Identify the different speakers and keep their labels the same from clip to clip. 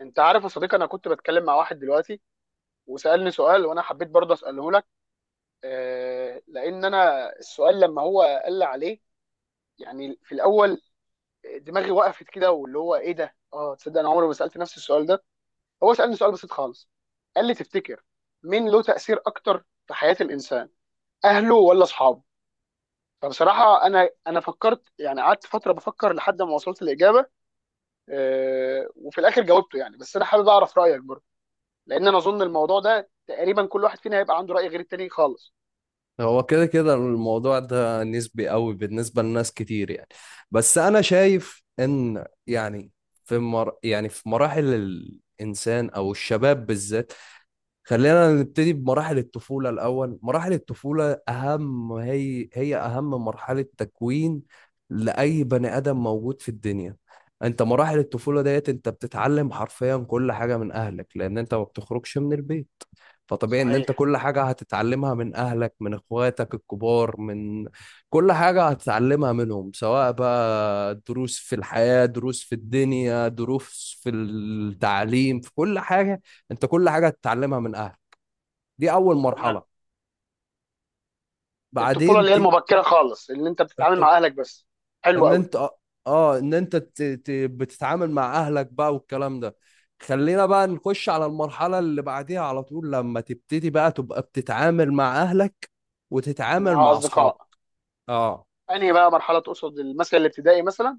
Speaker 1: انت عارف يا صديقي، انا كنت بتكلم مع واحد دلوقتي وسالني سؤال، وانا حبيت برضه اساله لك. لان انا السؤال لما هو قال لي عليه، يعني في الاول دماغي وقفت كده، واللي هو ايه ده؟ اه تصدق انا عمري ما سالت نفسي السؤال ده؟ هو سالني سؤال بسيط خالص، قال لي تفتكر مين له تاثير اكتر في حياه الانسان، اهله ولا اصحابه؟ فبصراحه انا فكرت يعني، قعدت فتره بفكر لحد ما وصلت الاجابه. وفي الاخر جاوبته يعني، بس انا حابب اعرف رايك برضه، لان انا اظن الموضوع ده تقريبا كل واحد فينا هيبقى عنده راي غير التاني خالص.
Speaker 2: هو كده كده الموضوع ده نسبي قوي بالنسبة لناس كتير يعني. بس أنا شايف إن يعني في مراحل الإنسان أو الشباب بالذات. خلينا نبتدي بمراحل الطفولة الأول. مراحل الطفولة أهم، هي أهم مرحلة تكوين لأي بني آدم موجود في الدنيا. أنت مراحل الطفولة ديت أنت بتتعلم حرفيا كل حاجة من أهلك، لأن أنت ما بتخرجش من البيت. فطبيعي ان انت
Speaker 1: صحيح.
Speaker 2: كل حاجة هتتعلمها من اهلك، من اخواتك الكبار، من كل حاجة هتتعلمها منهم، سواء بقى دروس في الحياة، دروس في الدنيا، دروس في التعليم، في كل حاجة. انت كل حاجة هتتعلمها من اهلك. دي اول
Speaker 1: تمام.
Speaker 2: مرحلة.
Speaker 1: الطفوله اللي
Speaker 2: بعدين
Speaker 1: هي المبكره خالص، اللي انت
Speaker 2: ت...
Speaker 1: بتتعامل مع اهلك بس. حلو
Speaker 2: ان
Speaker 1: قوي.
Speaker 2: انت آه، ان انت بتتعامل مع اهلك بقى والكلام ده. خلينا بقى نخش على المرحلة اللي بعديها على طول. لما تبتدي بقى تبقى بتتعامل مع اهلك وتتعامل
Speaker 1: ومع
Speaker 2: مع اصحابك.
Speaker 1: اصدقاء.
Speaker 2: اه،
Speaker 1: انهي بقى مرحله تقصد؟ المثل الابتدائي مثلا؟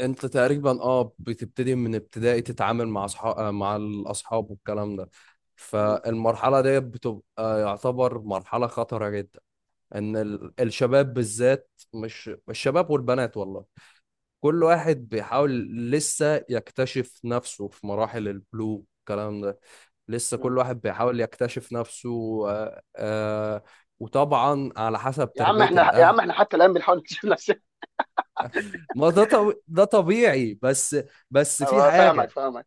Speaker 2: انت تقريبا اه بتبتدي من ابتدائي تتعامل مع اصحاب مع الاصحاب والكلام ده.
Speaker 1: مم.
Speaker 2: فالمرحلة دي بتبقى يعتبر مرحلة خطرة جدا. ان الشباب بالذات، مش الشباب والبنات والله. كل واحد بيحاول لسه يكتشف نفسه في مراحل البلوغ الكلام ده. لسه
Speaker 1: مم.
Speaker 2: كل واحد بيحاول يكتشف نفسه. آه، آه، وطبعا على حسب
Speaker 1: يا عم
Speaker 2: تربية
Speaker 1: احنا، يا
Speaker 2: الأهل.
Speaker 1: عم احنا حتى الان بنحاول نكتشف نفسنا.
Speaker 2: ما ده طب... ده طبيعي. بس بس في
Speaker 1: أيوة، فاهمك
Speaker 2: حاجة.
Speaker 1: فاهمك.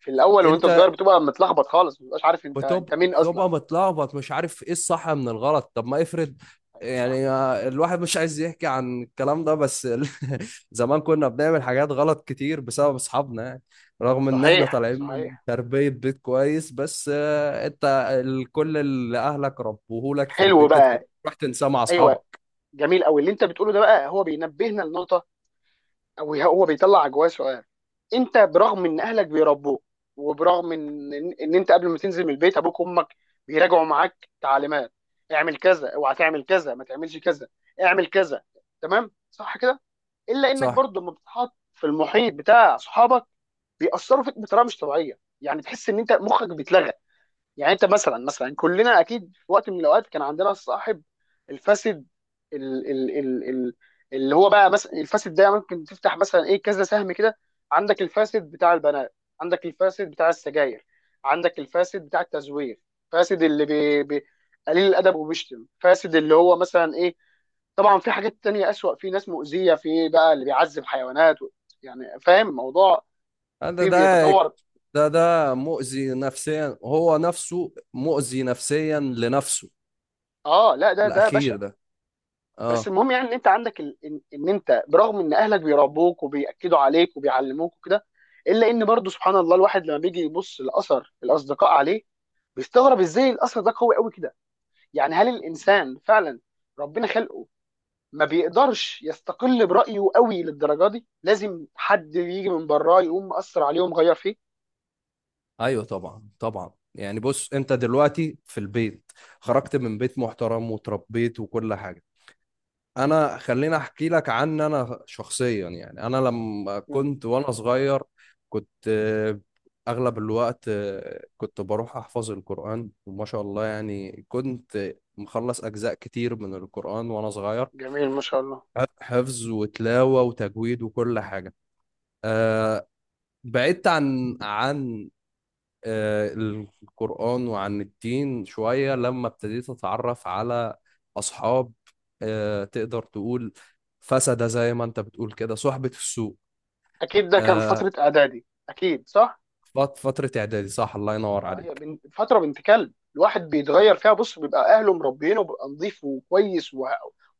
Speaker 1: في الاول وانت
Speaker 2: انت
Speaker 1: صغير بتبقى متلخبط خالص، ما بتبقاش عارف انت
Speaker 2: بتبقى
Speaker 1: انت مين اصلا.
Speaker 2: بتبقى متلخبط، مش عارف ايه الصح من الغلط. طب ما افرض
Speaker 1: ايوه صح.
Speaker 2: يعني. الواحد مش عايز يحكي عن الكلام ده، بس زمان كنا بنعمل حاجات غلط كتير بسبب اصحابنا يعني، رغم ان احنا
Speaker 1: صحيح
Speaker 2: طالعين من
Speaker 1: صحيح.
Speaker 2: تربية بيت كويس. بس آه، انت كل اللي اهلك ربوهولك في
Speaker 1: حلو
Speaker 2: البيت انت
Speaker 1: بقى.
Speaker 2: بتروح تنساه مع
Speaker 1: ايوه.
Speaker 2: اصحابك.
Speaker 1: جميل قوي اللي انت بتقوله ده، بقى هو بينبهنا لنقطه. هو بيطلع جواه سؤال. انت برغم ان اهلك بيربوك، وبرغم ان ان إن انت قبل ما تنزل من البيت ابوك وامك بيراجعوا معاك تعليمات، اعمل كذا، اوعى تعمل كذا، ما تعملش كذا، اعمل كذا. تمام، صح كده؟ الا انك
Speaker 2: صح.
Speaker 1: برضه لما بتتحط في المحيط بتاع اصحابك بيأثروا فيك بطريقه مش طبيعيه، يعني تحس ان انت مخك بيتلغى. يعني انت مثلا كلنا اكيد في وقت من الاوقات كان عندنا الصاحب الفاسد. ال ال ال ال اللي هو بقى مثلا الفاسد ده ممكن تفتح مثلا ايه كذا سهم كده. عندك الفاسد بتاع البنات، عندك الفاسد بتاع السجاير، عندك الفاسد بتاع التزوير. فاسد اللي بي بي قليل الادب وبيشتم، فاسد اللي هو مثلا ايه. طبعا في حاجات تانية أسوأ، في ناس مؤذية، في بقى اللي بيعذب حيوانات و... يعني فاهم الموضوع؟
Speaker 2: ده
Speaker 1: في
Speaker 2: ده
Speaker 1: بيتطور.
Speaker 2: ده مؤذي نفسيا، هو نفسه مؤذي نفسيا لنفسه،
Speaker 1: اه لا، ده بشع.
Speaker 2: الاخير ده.
Speaker 1: بس
Speaker 2: اه.
Speaker 1: المهم يعني ان انت عندك إن انت برغم ان اهلك بيربوك وبياكدوا عليك وبيعلموك وكده، الا ان برضه سبحان الله الواحد لما بيجي يبص لاثر الاصدقاء عليه بيستغرب ازاي الاثر ده قوي قوي كده. يعني هل الانسان فعلا ربنا خلقه ما بيقدرش يستقل برايه قوي للدرجه دي، لازم حد يجي من براه يقوم مأثر عليه ومغير فيه؟
Speaker 2: ايوه، طبعا طبعا. يعني بص، انت دلوقتي في البيت، خرجت من بيت محترم وتربيت وكل حاجه. انا خليني احكي لك عن انا شخصيا. يعني انا لما
Speaker 1: مم.
Speaker 2: كنت وانا صغير كنت آه، اغلب الوقت آه، كنت بروح احفظ القران، وما شاء الله يعني كنت مخلص اجزاء كتير من القران وانا صغير.
Speaker 1: جميل ما شاء الله.
Speaker 2: حفظ وتلاوه وتجويد وكل حاجه. آه، بعدت عن القرآن وعن الدين شوية لما ابتديت أتعرف على أصحاب آه، تقدر تقول فسدة، زي ما أنت بتقول كده، صحبة السوء.
Speaker 1: اكيد ده كان
Speaker 2: آه،
Speaker 1: فتره اعدادي، اكيد صح.
Speaker 2: فترة إعدادي، صح. الله ينور
Speaker 1: اه هي
Speaker 2: عليك.
Speaker 1: بنت فتره بنت كلب، الواحد بيتغير فيها، بص بيبقى اهله مربينه بيبقى نظيف وكويس و...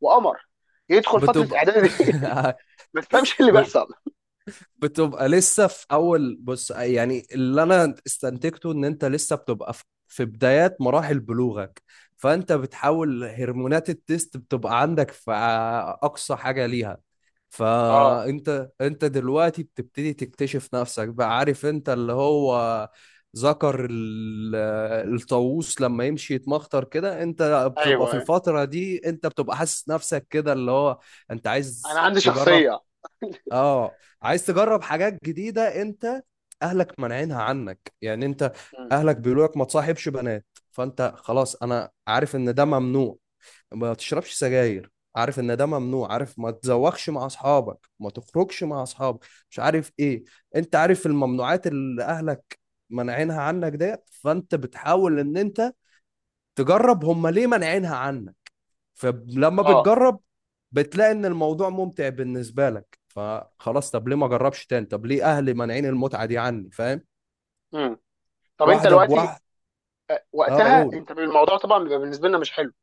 Speaker 1: وقمر، يدخل فتره
Speaker 2: بتبقى
Speaker 1: اعدادي دي. ما تفهمش اللي بيحصل.
Speaker 2: بتبقى لسه في اول. بص يعني، اللي انا استنتجته ان انت لسه بتبقى في بدايات مراحل بلوغك. فانت بتحاول، هرمونات التست بتبقى عندك في اقصى حاجة ليها.
Speaker 1: اه
Speaker 2: فانت دلوقتي بتبتدي تكتشف نفسك بقى. عارف انت اللي هو ذكر الطاووس لما يمشي يتمخطر كده، انت بتبقى
Speaker 1: ايوه
Speaker 2: في
Speaker 1: أيوة.
Speaker 2: الفترة دي انت بتبقى حاسس نفسك كده، اللي هو انت
Speaker 1: انا
Speaker 2: عايز
Speaker 1: عندي
Speaker 2: تجرب.
Speaker 1: شخصيه.
Speaker 2: اه، عايز تجرب حاجات جديدة. انت اهلك مانعينها عنك يعني. انت
Speaker 1: مم.
Speaker 2: اهلك بيقولوا لك ما تصاحبش بنات، فانت خلاص انا عارف ان ده ممنوع. ما تشربش سجاير، عارف ان ده ممنوع. عارف، ما تزوخش مع اصحابك، ما تخرجش مع اصحابك، مش عارف ايه. انت عارف الممنوعات اللي اهلك مانعينها عنك ديت. فانت بتحاول ان انت تجرب، هم ليه مانعينها عنك. فلما
Speaker 1: اه
Speaker 2: بتجرب بتلاقي ان الموضوع ممتع بالنسبه لك. فخلاص، طب ليه ما اجربش تاني؟ طب ليه اهلي مانعين المتعه دي عني؟ فاهم؟
Speaker 1: مم. طب انت
Speaker 2: واحده
Speaker 1: دلوقتي،
Speaker 2: بواحده. اه
Speaker 1: وقتها
Speaker 2: قول.
Speaker 1: انت الموضوع طبعا بيبقى بالنسبه لنا مش حلو.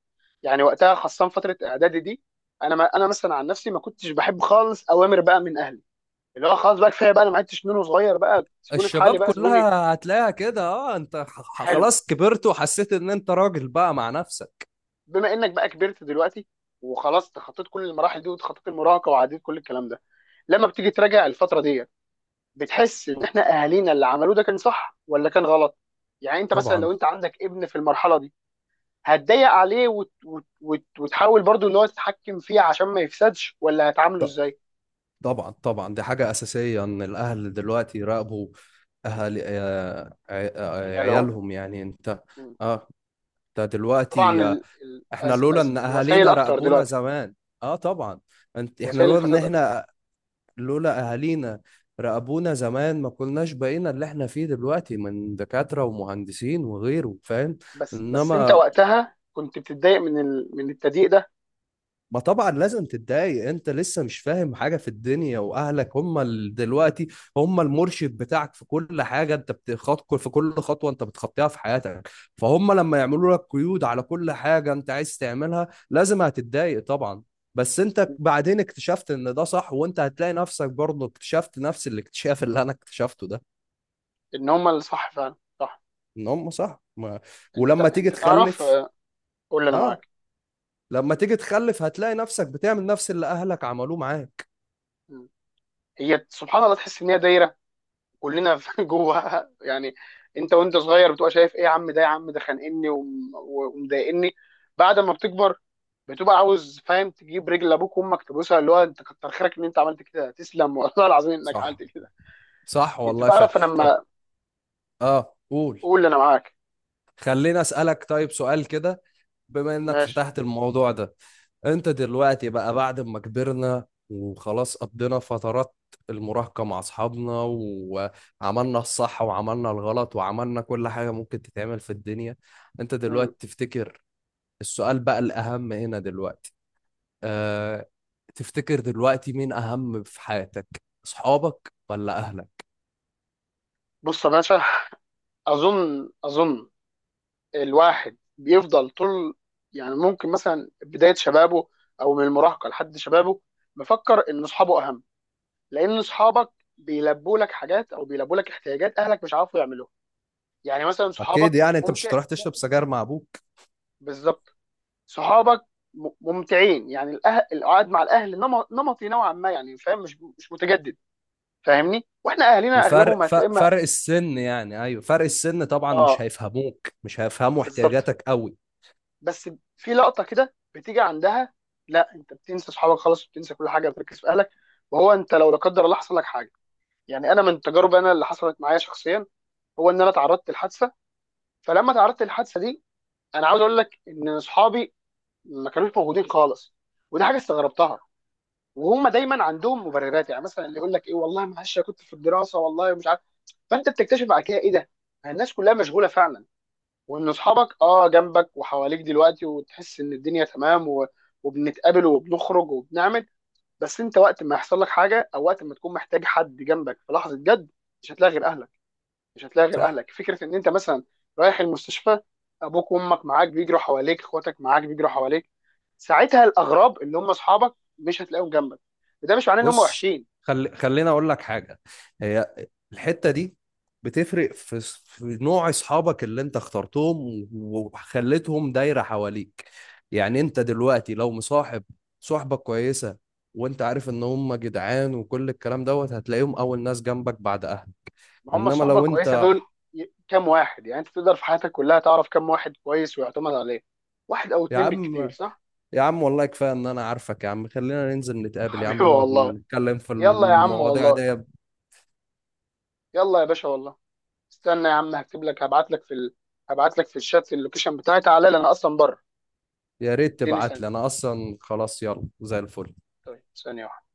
Speaker 1: يعني وقتها خاصه فتره اعدادي دي، انا ما انا مثلا عن نفسي ما كنتش بحب خالص اوامر بقى من اهلي، اللي هو خلاص بقى كفايه بقى، انا ما عدتش منه صغير بقى، سيبوني في حالي
Speaker 2: الشباب
Speaker 1: بقى سيبوني.
Speaker 2: كلها هتلاقيها كده. اه، انت
Speaker 1: حلو.
Speaker 2: خلاص كبرت وحسيت ان انت راجل بقى مع نفسك.
Speaker 1: بما انك بقى كبرت دلوقتي، وخلاص تخطيت كل المراحل دي وتخطيت المراهقه وعديت كل الكلام ده، لما بتيجي تراجع الفتره دي بتحس ان احنا اهالينا اللي عملوه ده كان صح ولا كان غلط؟ يعني انت مثلا
Speaker 2: طبعا.
Speaker 1: لو انت عندك ابن في المرحله دي، هتضايق عليه وتحاول برضو ان هو تتحكم فيه عشان ما يفسدش، ولا هتعامله
Speaker 2: ط-
Speaker 1: ازاي؟
Speaker 2: طبعا طبعا، دي حاجة أساسية، إن الأهل دلوقتي يراقبوا أهل آه، ع- آه،
Speaker 1: يعني لو
Speaker 2: عيالهم. يعني أنت، أه، أنت
Speaker 1: طبعا
Speaker 2: دلوقتي، احنا لولا ان
Speaker 1: الوسائل
Speaker 2: اهالينا
Speaker 1: اكتر
Speaker 2: راقبونا
Speaker 1: دلوقتي،
Speaker 2: زمان. اه طبعا. انت احنا
Speaker 1: وسائل
Speaker 2: لولا ان
Speaker 1: الفساد اكتر.
Speaker 2: احنا لولا اهالينا راقبونا زمان ما كناش بقينا اللي احنا فيه دلوقتي من دكاترة ومهندسين وغيره. فاهم؟
Speaker 1: بس انت
Speaker 2: انما،
Speaker 1: وقتها كنت بتتضايق من من التضييق ده.
Speaker 2: ما طبعا لازم تتضايق، انت لسه مش فاهم حاجة في الدنيا، واهلك هم دلوقتي هم المرشد بتاعك في كل حاجة. انت بتخط في كل خطوة انت بتخطيها في حياتك. فهم لما يعملوا لك قيود على كل حاجة انت عايز تعملها، لازم هتتضايق طبعا. بس انت بعدين اكتشفت ان ده صح. وانت هتلاقي نفسك برضه اكتشفت نفس الاكتشاف اللي انا اكتشفته ده،
Speaker 1: ان هم اللي صح فعلا صح.
Speaker 2: ان هم صح. ما... ولما تيجي
Speaker 1: انت تعرف،
Speaker 2: تخلف.
Speaker 1: قول لي انا
Speaker 2: اه،
Speaker 1: معاك.
Speaker 2: لما تيجي تخلف هتلاقي نفسك بتعمل نفس اللي اهلك عملوه معاك.
Speaker 1: مم. هي سبحان الله تحس ان هي دايره كلنا في جواها يعني. انت وانت صغير بتبقى شايف ايه، يا عم ده يا عم ده خانقني ومضايقني. بعد ما بتكبر بتبقى عاوز فاهم تجيب رجل ابوك وامك تبوسها، اللي هو انت كتر خيرك ان انت عملت كده، تسلم والله العظيم انك
Speaker 2: صح،
Speaker 1: عملت كده.
Speaker 2: صح
Speaker 1: انت
Speaker 2: والله. ف
Speaker 1: تعرف انا
Speaker 2: طب،
Speaker 1: لما،
Speaker 2: اه قول.
Speaker 1: قول لي انا معاك.
Speaker 2: خليني اسالك طيب سؤال كده، بما انك
Speaker 1: ماشي.
Speaker 2: فتحت الموضوع ده. انت دلوقتي بقى، بعد ما كبرنا وخلاص قضينا فترات المراهقة مع اصحابنا، وعملنا الصح وعملنا الغلط وعملنا كل حاجة ممكن تتعمل في الدنيا، انت
Speaker 1: مم.
Speaker 2: دلوقتي تفتكر، السؤال بقى الاهم هنا دلوقتي، أه... تفتكر دلوقتي مين اهم في حياتك، اصحابك ولا اهلك؟
Speaker 1: بص يا باشا. اظن الواحد بيفضل طول، يعني ممكن مثلا بداية شبابه أو من المراهقة لحد شبابه، مفكر إن أصحابه أهم. لأن أصحابك بيلبوا لك حاجات أو بيلبوا لك احتياجات أهلك مش عارفوا يعملوها. يعني مثلا صحابك
Speaker 2: اكيد يعني انت مش
Speaker 1: ممتع
Speaker 2: هتروح تشرب سجاير مع ابوك.
Speaker 1: بالظبط. صحابك ممتعين، يعني الأهل، القعد مع الأهل نمطي نوعا ما، يعني فاهم؟ مش متجدد. فاهمني، واحنا أهلنا أغلبهم
Speaker 2: وفرق
Speaker 1: هتلاقي
Speaker 2: فرق السن يعني، ايوه فرق السن طبعا مش
Speaker 1: اه
Speaker 2: هيفهموك، مش هيفهموا
Speaker 1: بالظبط.
Speaker 2: احتياجاتك قوي.
Speaker 1: بس في لقطه كده بتيجي عندها، لا، انت بتنسى اصحابك خلاص وبتنسى كل حاجه بتركز في اهلك. وهو انت لو لا قدر الله حصل لك حاجه، يعني انا من تجارب انا اللي حصلت معايا شخصيا، هو ان انا تعرضت لحادثه. فلما تعرضت للحادثه دي، انا عاوز اقول لك ان اصحابي ما كانوش موجودين خالص، ودي حاجه استغربتها. وهم دايما عندهم مبررات، يعني مثلا اللي يقول لك ايه والله معلش، أنا كنت في الدراسه، والله مش عارف. فانت بتكتشف بعد كده ايه ده، الناس كلها مشغوله فعلا. وان اصحابك جنبك وحواليك دلوقتي وتحس ان الدنيا تمام و... وبنتقابل وبنخرج وبنعمل. بس انت وقت ما يحصل لك حاجه او وقت ما تكون محتاج حد جنبك في لحظه جد، مش هتلاقي غير اهلك. مش هتلاقي غير
Speaker 2: صح.
Speaker 1: اهلك، فكره ان انت مثلا رايح المستشفى، ابوك وامك معاك بيجروا حواليك، اخواتك معاك بيجروا حواليك، ساعتها الاغراب اللي هم اصحابك مش هتلاقيهم جنبك. وده مش معناه ان هم
Speaker 2: بص،
Speaker 1: وحشين،
Speaker 2: خليني اقول لك حاجه. هي الحته دي بتفرق في، في نوع اصحابك اللي انت اخترتهم وخليتهم دايره حواليك. يعني انت دلوقتي لو مصاحب صحبه كويسه، وانت عارف ان هم جدعان وكل الكلام دوت، هتلاقيهم اول ناس جنبك بعد اهلك.
Speaker 1: ما هم
Speaker 2: انما
Speaker 1: الصحبه
Speaker 2: لو
Speaker 1: الكويسه
Speaker 2: انت،
Speaker 1: دول. كام واحد يعني انت تقدر في حياتك كلها تعرف كام واحد كويس ويعتمد عليه؟ واحد او
Speaker 2: يا
Speaker 1: اتنين بالكتير،
Speaker 2: عم،
Speaker 1: صح؟
Speaker 2: يا عم والله كفاية إن أنا عارفك. يا عم خلينا ننزل نتقابل، يا عم
Speaker 1: حبيبي
Speaker 2: نقعد
Speaker 1: والله.
Speaker 2: نتكلم في
Speaker 1: يلا يا عم
Speaker 2: المواضيع
Speaker 1: والله.
Speaker 2: دي.
Speaker 1: يلا يا باشا والله. استنى يا عم، هكتب لك، هبعت لك في الشات اللوكيشن بتاعي، تعالى لي، انا اصلا بره.
Speaker 2: يا ريت
Speaker 1: اديني
Speaker 2: تبعت
Speaker 1: ثانيه.
Speaker 2: لي، أنا أصلا خلاص، يلا زي الفل.
Speaker 1: طيب ثانيه واحده.